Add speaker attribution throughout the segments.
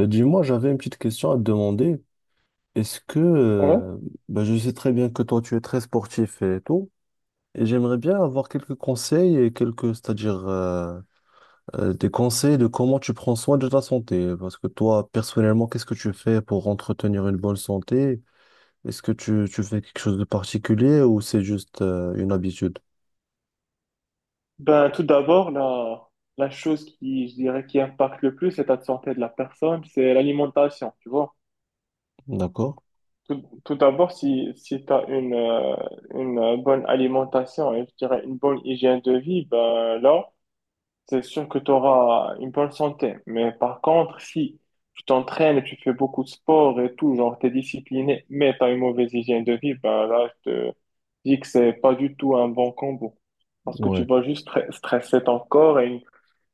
Speaker 1: Dis-moi, j'avais une petite question à te demander. Est-ce que,
Speaker 2: Ouais.
Speaker 1: euh, je sais très bien que toi, tu es très sportif et tout, et j'aimerais bien avoir quelques conseils et quelques, c'est-à-dire des conseils de comment tu prends soin de ta santé. Parce que toi, personnellement, qu'est-ce que tu fais pour entretenir une bonne santé? Est-ce que tu fais quelque chose de particulier ou c'est juste une habitude?
Speaker 2: Ben, tout d'abord, la chose qui, je dirais, qui impacte le plus l'état de santé de la personne, c'est l'alimentation, tu vois.
Speaker 1: D'accord?
Speaker 2: Tout d'abord, si tu as une bonne alimentation et, je dirais, une bonne hygiène de vie, ben là, c'est sûr que tu auras une bonne santé. Mais par contre, si tu t'entraînes et tu fais beaucoup de sport et tout, genre t'es discipliné, mais tu as une mauvaise hygiène de vie, ben là, je te dis que c'est pas du tout un bon combo. Parce que tu
Speaker 1: Ouais.
Speaker 2: vas juste stresser ton corps et il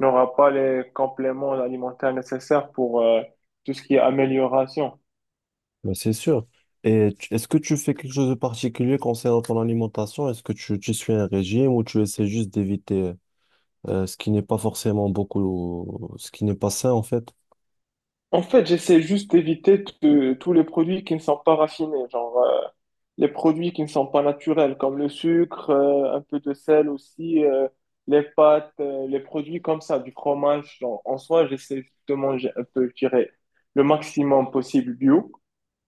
Speaker 2: n'aura pas les compléments alimentaires nécessaires pour tout ce qui est amélioration.
Speaker 1: Ben, c'est sûr. Et est-ce que tu fais quelque chose de particulier concernant ton alimentation? Est-ce que tu suis un régime ou tu essaies juste d'éviter ce qui n'est pas forcément beaucoup, ce qui n'est pas sain en fait?
Speaker 2: En fait, j'essaie juste d'éviter tous les produits qui ne sont pas raffinés, genre les produits qui ne sont pas naturels, comme le sucre, un peu de sel aussi, les pâtes, les produits comme ça, du fromage. Genre, en soi, j'essaie juste de manger un peu, je dirais, le maximum possible bio.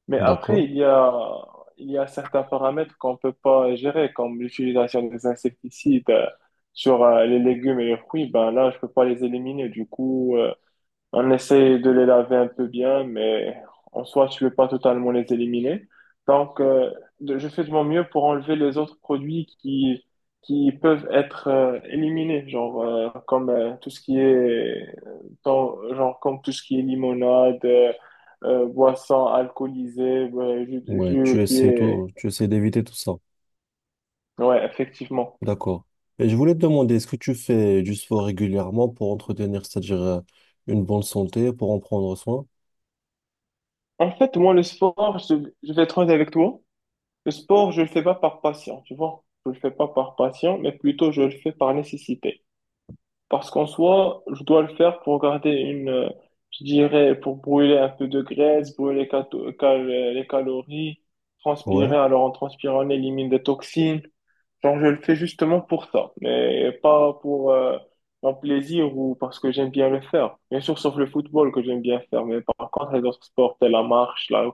Speaker 2: Mais après,
Speaker 1: D'accord.
Speaker 2: il y a certains paramètres qu'on ne peut pas gérer, comme l'utilisation des insecticides sur les légumes et les fruits. Ben là, je ne peux pas les éliminer. Du coup, on essaie de les laver un peu bien, mais en soi, tu peux pas totalement les éliminer. Donc, je fais de mon mieux pour enlever les autres produits qui peuvent être éliminés, genre comme tout ce qui est genre comme tout ce qui est limonade, boisson alcoolisée, ouais,
Speaker 1: Ouais, tu
Speaker 2: jus qui
Speaker 1: essaies
Speaker 2: est
Speaker 1: tout, tu essaies d'éviter tout ça.
Speaker 2: ouais, effectivement.
Speaker 1: D'accord. Et je voulais te demander, est-ce que tu fais du sport régulièrement pour entretenir, c'est-à-dire une bonne santé, pour en prendre soin?
Speaker 2: En fait, moi, le sport, je vais être honnête avec toi. Le sport, je le fais pas par passion, tu vois. Je le fais pas par passion, mais plutôt je le fais par nécessité. Parce qu'en soi, je dois le faire pour garder une, je dirais, pour brûler un peu de graisse, brûler les calories, transpirer.
Speaker 1: Ouais.
Speaker 2: Alors en transpirant, on élimine des toxines. Genre, je le fais justement pour ça, mais pas pour mon plaisir ou parce que j'aime bien le faire. Bien sûr, sauf le football que j'aime bien faire, mais par contre, les autres sports, tels la marche, la,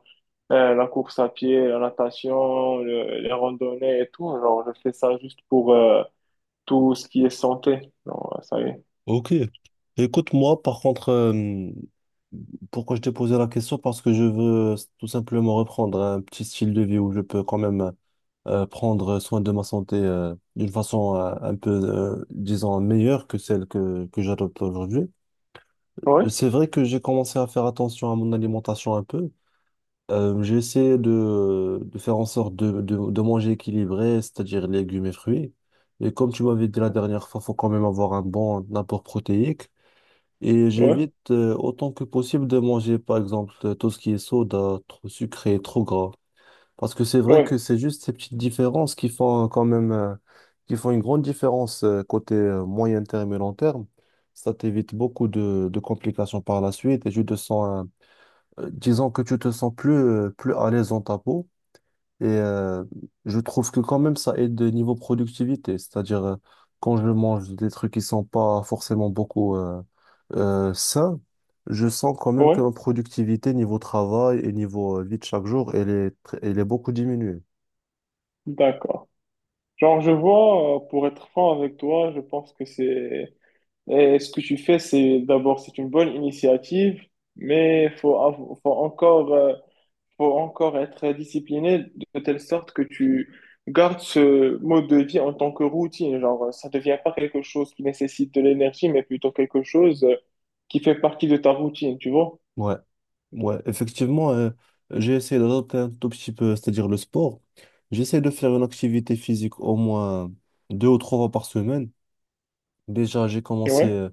Speaker 2: euh, la course à pied, la natation, les randonnées et tout, genre, je fais ça juste pour, tout ce qui est santé. Non, ça y est.
Speaker 1: Ok. Écoute, moi, par contre, pourquoi je t'ai posé la question? Parce que je veux tout simplement reprendre un petit style de vie où je peux quand même prendre soin de ma santé d'une façon un peu, disons, meilleure que celle que j'adopte aujourd'hui.
Speaker 2: Oui,
Speaker 1: C'est vrai que j'ai commencé à faire attention à mon alimentation un peu. J'ai essayé de faire en sorte de manger équilibré, c'est-à-dire légumes et fruits. Et comme tu m'avais dit la dernière fois, faut quand même avoir un bon apport protéique. Et
Speaker 2: oui,
Speaker 1: j'évite autant que possible de manger, par exemple, tout ce qui est soda, trop sucré, trop gras. Parce que c'est vrai que
Speaker 2: ouais,
Speaker 1: c'est juste ces petites différences qui font qui font une grande différence côté moyen terme et long terme. Ça t'évite beaucoup de complications par la suite et tu te sens, disons que tu te sens plus à l'aise dans ta peau. Et euh, je trouve que quand même ça aide niveau productivité, c'est-à-dire quand je mange des trucs qui sont pas forcément beaucoup sains, je sens quand même que
Speaker 2: ouais.
Speaker 1: ma productivité niveau travail et niveau vie de chaque jour, elle est beaucoup diminuée.
Speaker 2: D'accord. Genre, je vois, pour être franc avec toi, je pense que c'est, et ce que tu fais, c'est d'abord, c'est une bonne initiative, mais faut encore être discipliné de telle sorte que tu gardes ce mode de vie en tant que routine. Genre, ça devient pas quelque chose qui nécessite de l'énergie, mais plutôt quelque chose qui fait partie de ta routine, tu vois?
Speaker 1: Ouais, ouais, effectivement, j'ai essayé d'adopter un tout petit peu, c'est-à-dire le sport. J'essaie de faire une activité physique au moins 2 ou 3 fois par semaine. Déjà, j'ai commencé
Speaker 2: Ouais,
Speaker 1: euh,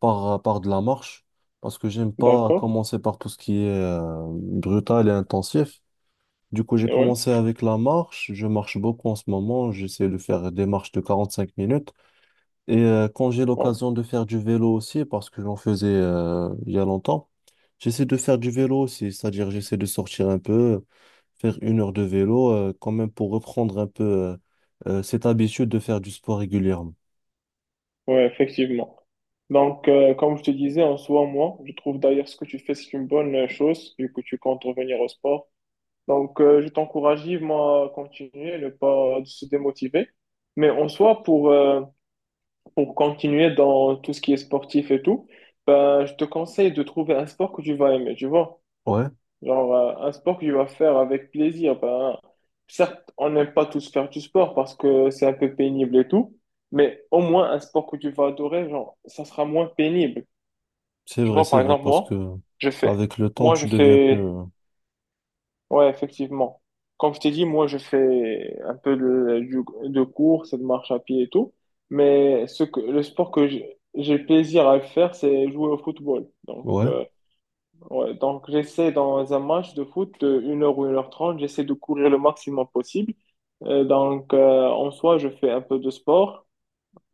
Speaker 1: par, euh, par de la marche parce que j'aime pas
Speaker 2: d'accord.
Speaker 1: commencer par tout ce qui est brutal et intensif. Du coup, j'ai
Speaker 2: Ouais,
Speaker 1: commencé avec la marche. Je marche beaucoup en ce moment. J'essaie de faire des marches de 45 minutes. Et quand j'ai
Speaker 2: ouais,
Speaker 1: l'occasion de faire du vélo aussi, parce que j'en faisais il y a longtemps, j'essaie de faire du vélo aussi, c'est-à-dire j'essaie de sortir un peu, faire 1 heure de vélo, quand même pour reprendre un peu cette habitude de faire du sport régulièrement.
Speaker 2: ouais, effectivement. Donc, comme je te disais, en soi, moi, je trouve d'ailleurs ce que tu fais, c'est une bonne chose, vu que tu comptes revenir au sport. Donc, je t'encourage vivement à continuer, ne pas se démotiver. Mais en soi, pour continuer dans tout ce qui est sportif et tout, ben, je te conseille de trouver un sport que tu vas aimer, tu vois.
Speaker 1: Ouais,
Speaker 2: Genre, un sport que tu vas faire avec plaisir. Ben, certes, on n'aime pas tous faire du sport parce que c'est un peu pénible et tout, mais au moins un sport que tu vas adorer, genre, ça sera moins pénible. Tu vois,
Speaker 1: c'est
Speaker 2: par
Speaker 1: vrai,
Speaker 2: exemple,
Speaker 1: parce que
Speaker 2: je fais,
Speaker 1: avec le temps,
Speaker 2: moi,
Speaker 1: tu
Speaker 2: je
Speaker 1: deviens plus...
Speaker 2: fais.
Speaker 1: euh,
Speaker 2: Ouais, effectivement. Comme je t'ai dit, moi, je fais un peu de course et de marche à pied et tout. Mais ce que, le sport que j'ai plaisir à faire, c'est jouer au football. Donc,
Speaker 1: Ouais,
Speaker 2: ouais, donc j'essaie dans un match de foot de 1 h ou 1 h 30, j'essaie de courir le maximum possible. Donc, en soi, je fais un peu de sport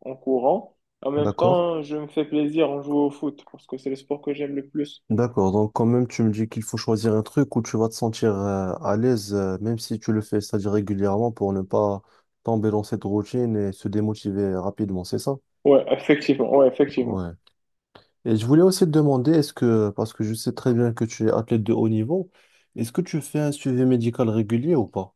Speaker 2: en courant. En même
Speaker 1: d'accord.
Speaker 2: temps, je me fais plaisir en jouant au foot parce que c'est le sport que j'aime le plus.
Speaker 1: D'accord, donc quand même tu me dis qu'il faut choisir un truc où tu vas te sentir à l'aise, même si tu le fais, c'est-à-dire régulièrement pour ne pas tomber dans cette routine et se démotiver rapidement, c'est ça?
Speaker 2: Ouais, effectivement. Ouais, effectivement.
Speaker 1: Ouais. Et je voulais aussi te demander, est-ce que, parce que je sais très bien que tu es athlète de haut niveau, est-ce que tu fais un suivi médical régulier ou pas?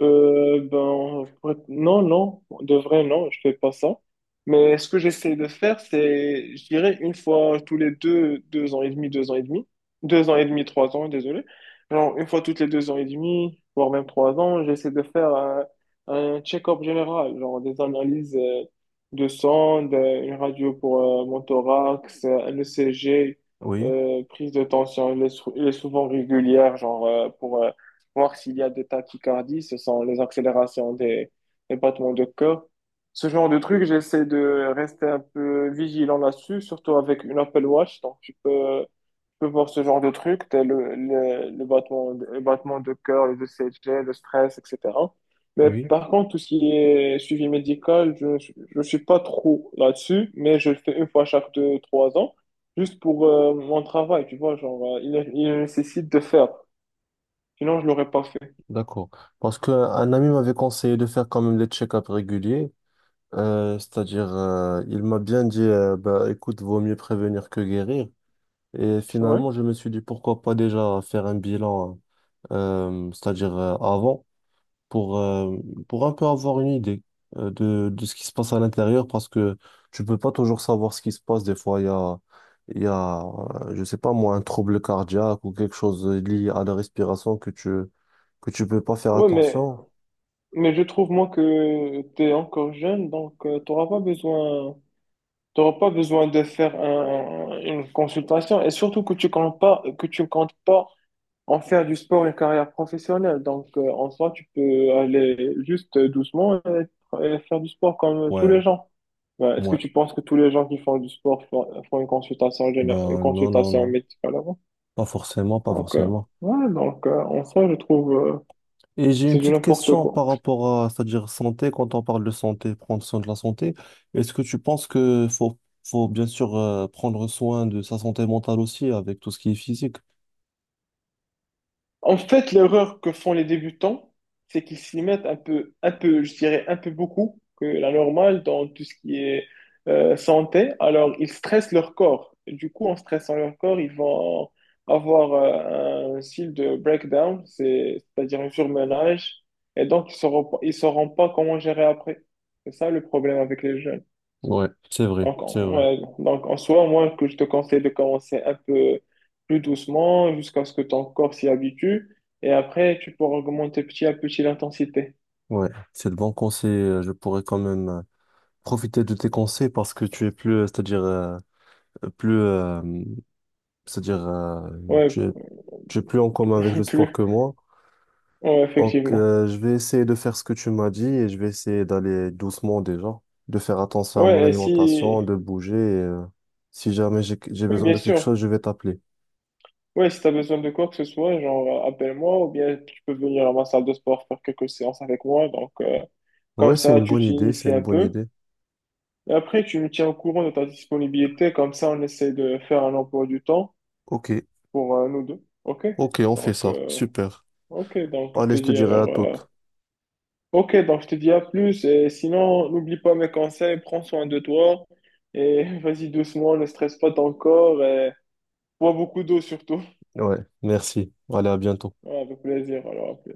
Speaker 2: Ben, non, non, de vrai, non, je fais pas ça. Mais ce que j'essaie de faire, c'est, je dirais, une fois tous les deux, deux ans et demi, 3 ans, désolé. Genre, une fois toutes les 2 ans et demi, voire même 3 ans, j'essaie de faire un check-up général, genre des analyses de sang, une radio pour mon thorax, un ECG,
Speaker 1: Oui,
Speaker 2: prise de tension, elle est souvent régulière, genre pour voir s'il y a des tachycardies, ce sont les accélérations des battements de cœur. Ce genre de truc, j'essaie de rester un peu vigilant là-dessus, surtout avec une Apple Watch. Donc, tu peux voir ce genre de truc, tel le battement, de cœur, les ECG, le stress, etc. Mais
Speaker 1: oui,
Speaker 2: par contre, tout ce qui est suivi médical, je ne suis pas trop là-dessus, mais je le fais une fois chaque 2, 3 ans, juste pour mon travail, tu vois, genre, il nécessite de faire. Sinon, je l'aurais pas fait.
Speaker 1: d'accord. Parce qu'un ami m'avait conseillé de faire quand même des check-ups réguliers, c'est-à-dire il m'a bien dit, bah, écoute, vaut mieux prévenir que guérir. Et
Speaker 2: Ouais.
Speaker 1: finalement, je me suis dit pourquoi pas déjà faire un bilan, c'est-à-dire avant, pour, euh, pour un peu avoir une idée de ce qui se passe à l'intérieur, parce que tu peux pas toujours savoir ce qui se passe. Des fois, il y a, je sais pas moi, un trouble cardiaque ou quelque chose lié à la respiration que tu peux pas faire
Speaker 2: Ouais,
Speaker 1: attention.
Speaker 2: mais je trouve, moi, que tu es encore jeune, donc tu n'auras pas besoin, t'auras pas besoin de faire une consultation. Et surtout que tu comptes pas en faire du sport une carrière professionnelle. Donc, en soi, tu peux aller juste doucement et faire du sport comme tous
Speaker 1: Ouais,
Speaker 2: les gens. Ouais, est-ce que
Speaker 1: ouais.
Speaker 2: tu penses que tous les gens qui font du sport font une consultation, une
Speaker 1: Ben non, non,
Speaker 2: consultation
Speaker 1: non.
Speaker 2: médicale avant?
Speaker 1: Pas forcément, pas
Speaker 2: Donc,
Speaker 1: forcément.
Speaker 2: ouais, donc, en soi, je trouve,
Speaker 1: Et j'ai
Speaker 2: que
Speaker 1: une
Speaker 2: c'est du
Speaker 1: petite
Speaker 2: n'importe
Speaker 1: question
Speaker 2: quoi.
Speaker 1: par rapport à, c'est-à-dire santé, quand on parle de santé, prendre soin de la santé, est-ce que tu penses que faut bien sûr prendre soin de sa santé mentale aussi avec tout ce qui est physique?
Speaker 2: En fait, l'erreur que font les débutants, c'est qu'ils s'y mettent un peu, je dirais un peu beaucoup que la normale dans tout ce qui est santé. Alors, ils stressent leur corps. Du coup, en stressant leur corps, ils vont avoir un style de breakdown, c'est-à-dire un surmenage. Et donc, ils sauront pas comment gérer après. C'est ça le problème avec les jeunes.
Speaker 1: Ouais, c'est vrai,
Speaker 2: Donc,
Speaker 1: c'est vrai.
Speaker 2: ouais, donc, en soi, moi, que je te conseille de commencer un peu plus doucement jusqu'à ce que ton corps s'y habitue. Et après, tu pourras augmenter petit à petit l'intensité.
Speaker 1: Ouais, c'est le bon conseil. Je pourrais quand même profiter de tes conseils parce que tu es plus, c'est-à-dire plus, c'est-à-dire
Speaker 2: Ouais,
Speaker 1: tu es, tu es plus en commun avec le
Speaker 2: plus.
Speaker 1: sport que moi.
Speaker 2: Ouais,
Speaker 1: Donc,
Speaker 2: effectivement.
Speaker 1: je vais essayer de faire ce que tu m'as dit et je vais essayer d'aller doucement déjà, de faire attention à mon
Speaker 2: Ouais, et si...
Speaker 1: alimentation, de bouger. Et si jamais j'ai
Speaker 2: ouais,
Speaker 1: besoin
Speaker 2: bien
Speaker 1: de quelque chose,
Speaker 2: sûr.
Speaker 1: je vais t'appeler.
Speaker 2: Ouais, si tu as besoin de quoi que ce soit, genre, appelle-moi ou bien tu peux venir à ma salle de sport faire quelques séances avec moi. Donc, comme
Speaker 1: Ouais, c'est
Speaker 2: ça,
Speaker 1: une
Speaker 2: tu
Speaker 1: bonne idée, c'est
Speaker 2: t'inities un
Speaker 1: une bonne
Speaker 2: peu.
Speaker 1: idée.
Speaker 2: Et après, tu me tiens au courant de ta disponibilité. Comme ça, on essaie de faire un emploi du temps
Speaker 1: Ok,
Speaker 2: pour nous deux. OK?
Speaker 1: ok, on fait
Speaker 2: Donc,
Speaker 1: ça. Super.
Speaker 2: Ok, donc je
Speaker 1: Allez,
Speaker 2: te
Speaker 1: je te
Speaker 2: dis
Speaker 1: dirai à
Speaker 2: alors.
Speaker 1: toutes.
Speaker 2: Ok, donc je te dis à plus. Et sinon, n'oublie pas mes conseils, prends soin de toi. Et vas-y doucement, ne stresse pas ton corps. Et bois beaucoup d'eau surtout.
Speaker 1: Ouais, merci. Allez, à bientôt.
Speaker 2: Ouais, avec plaisir. Alors, à plus.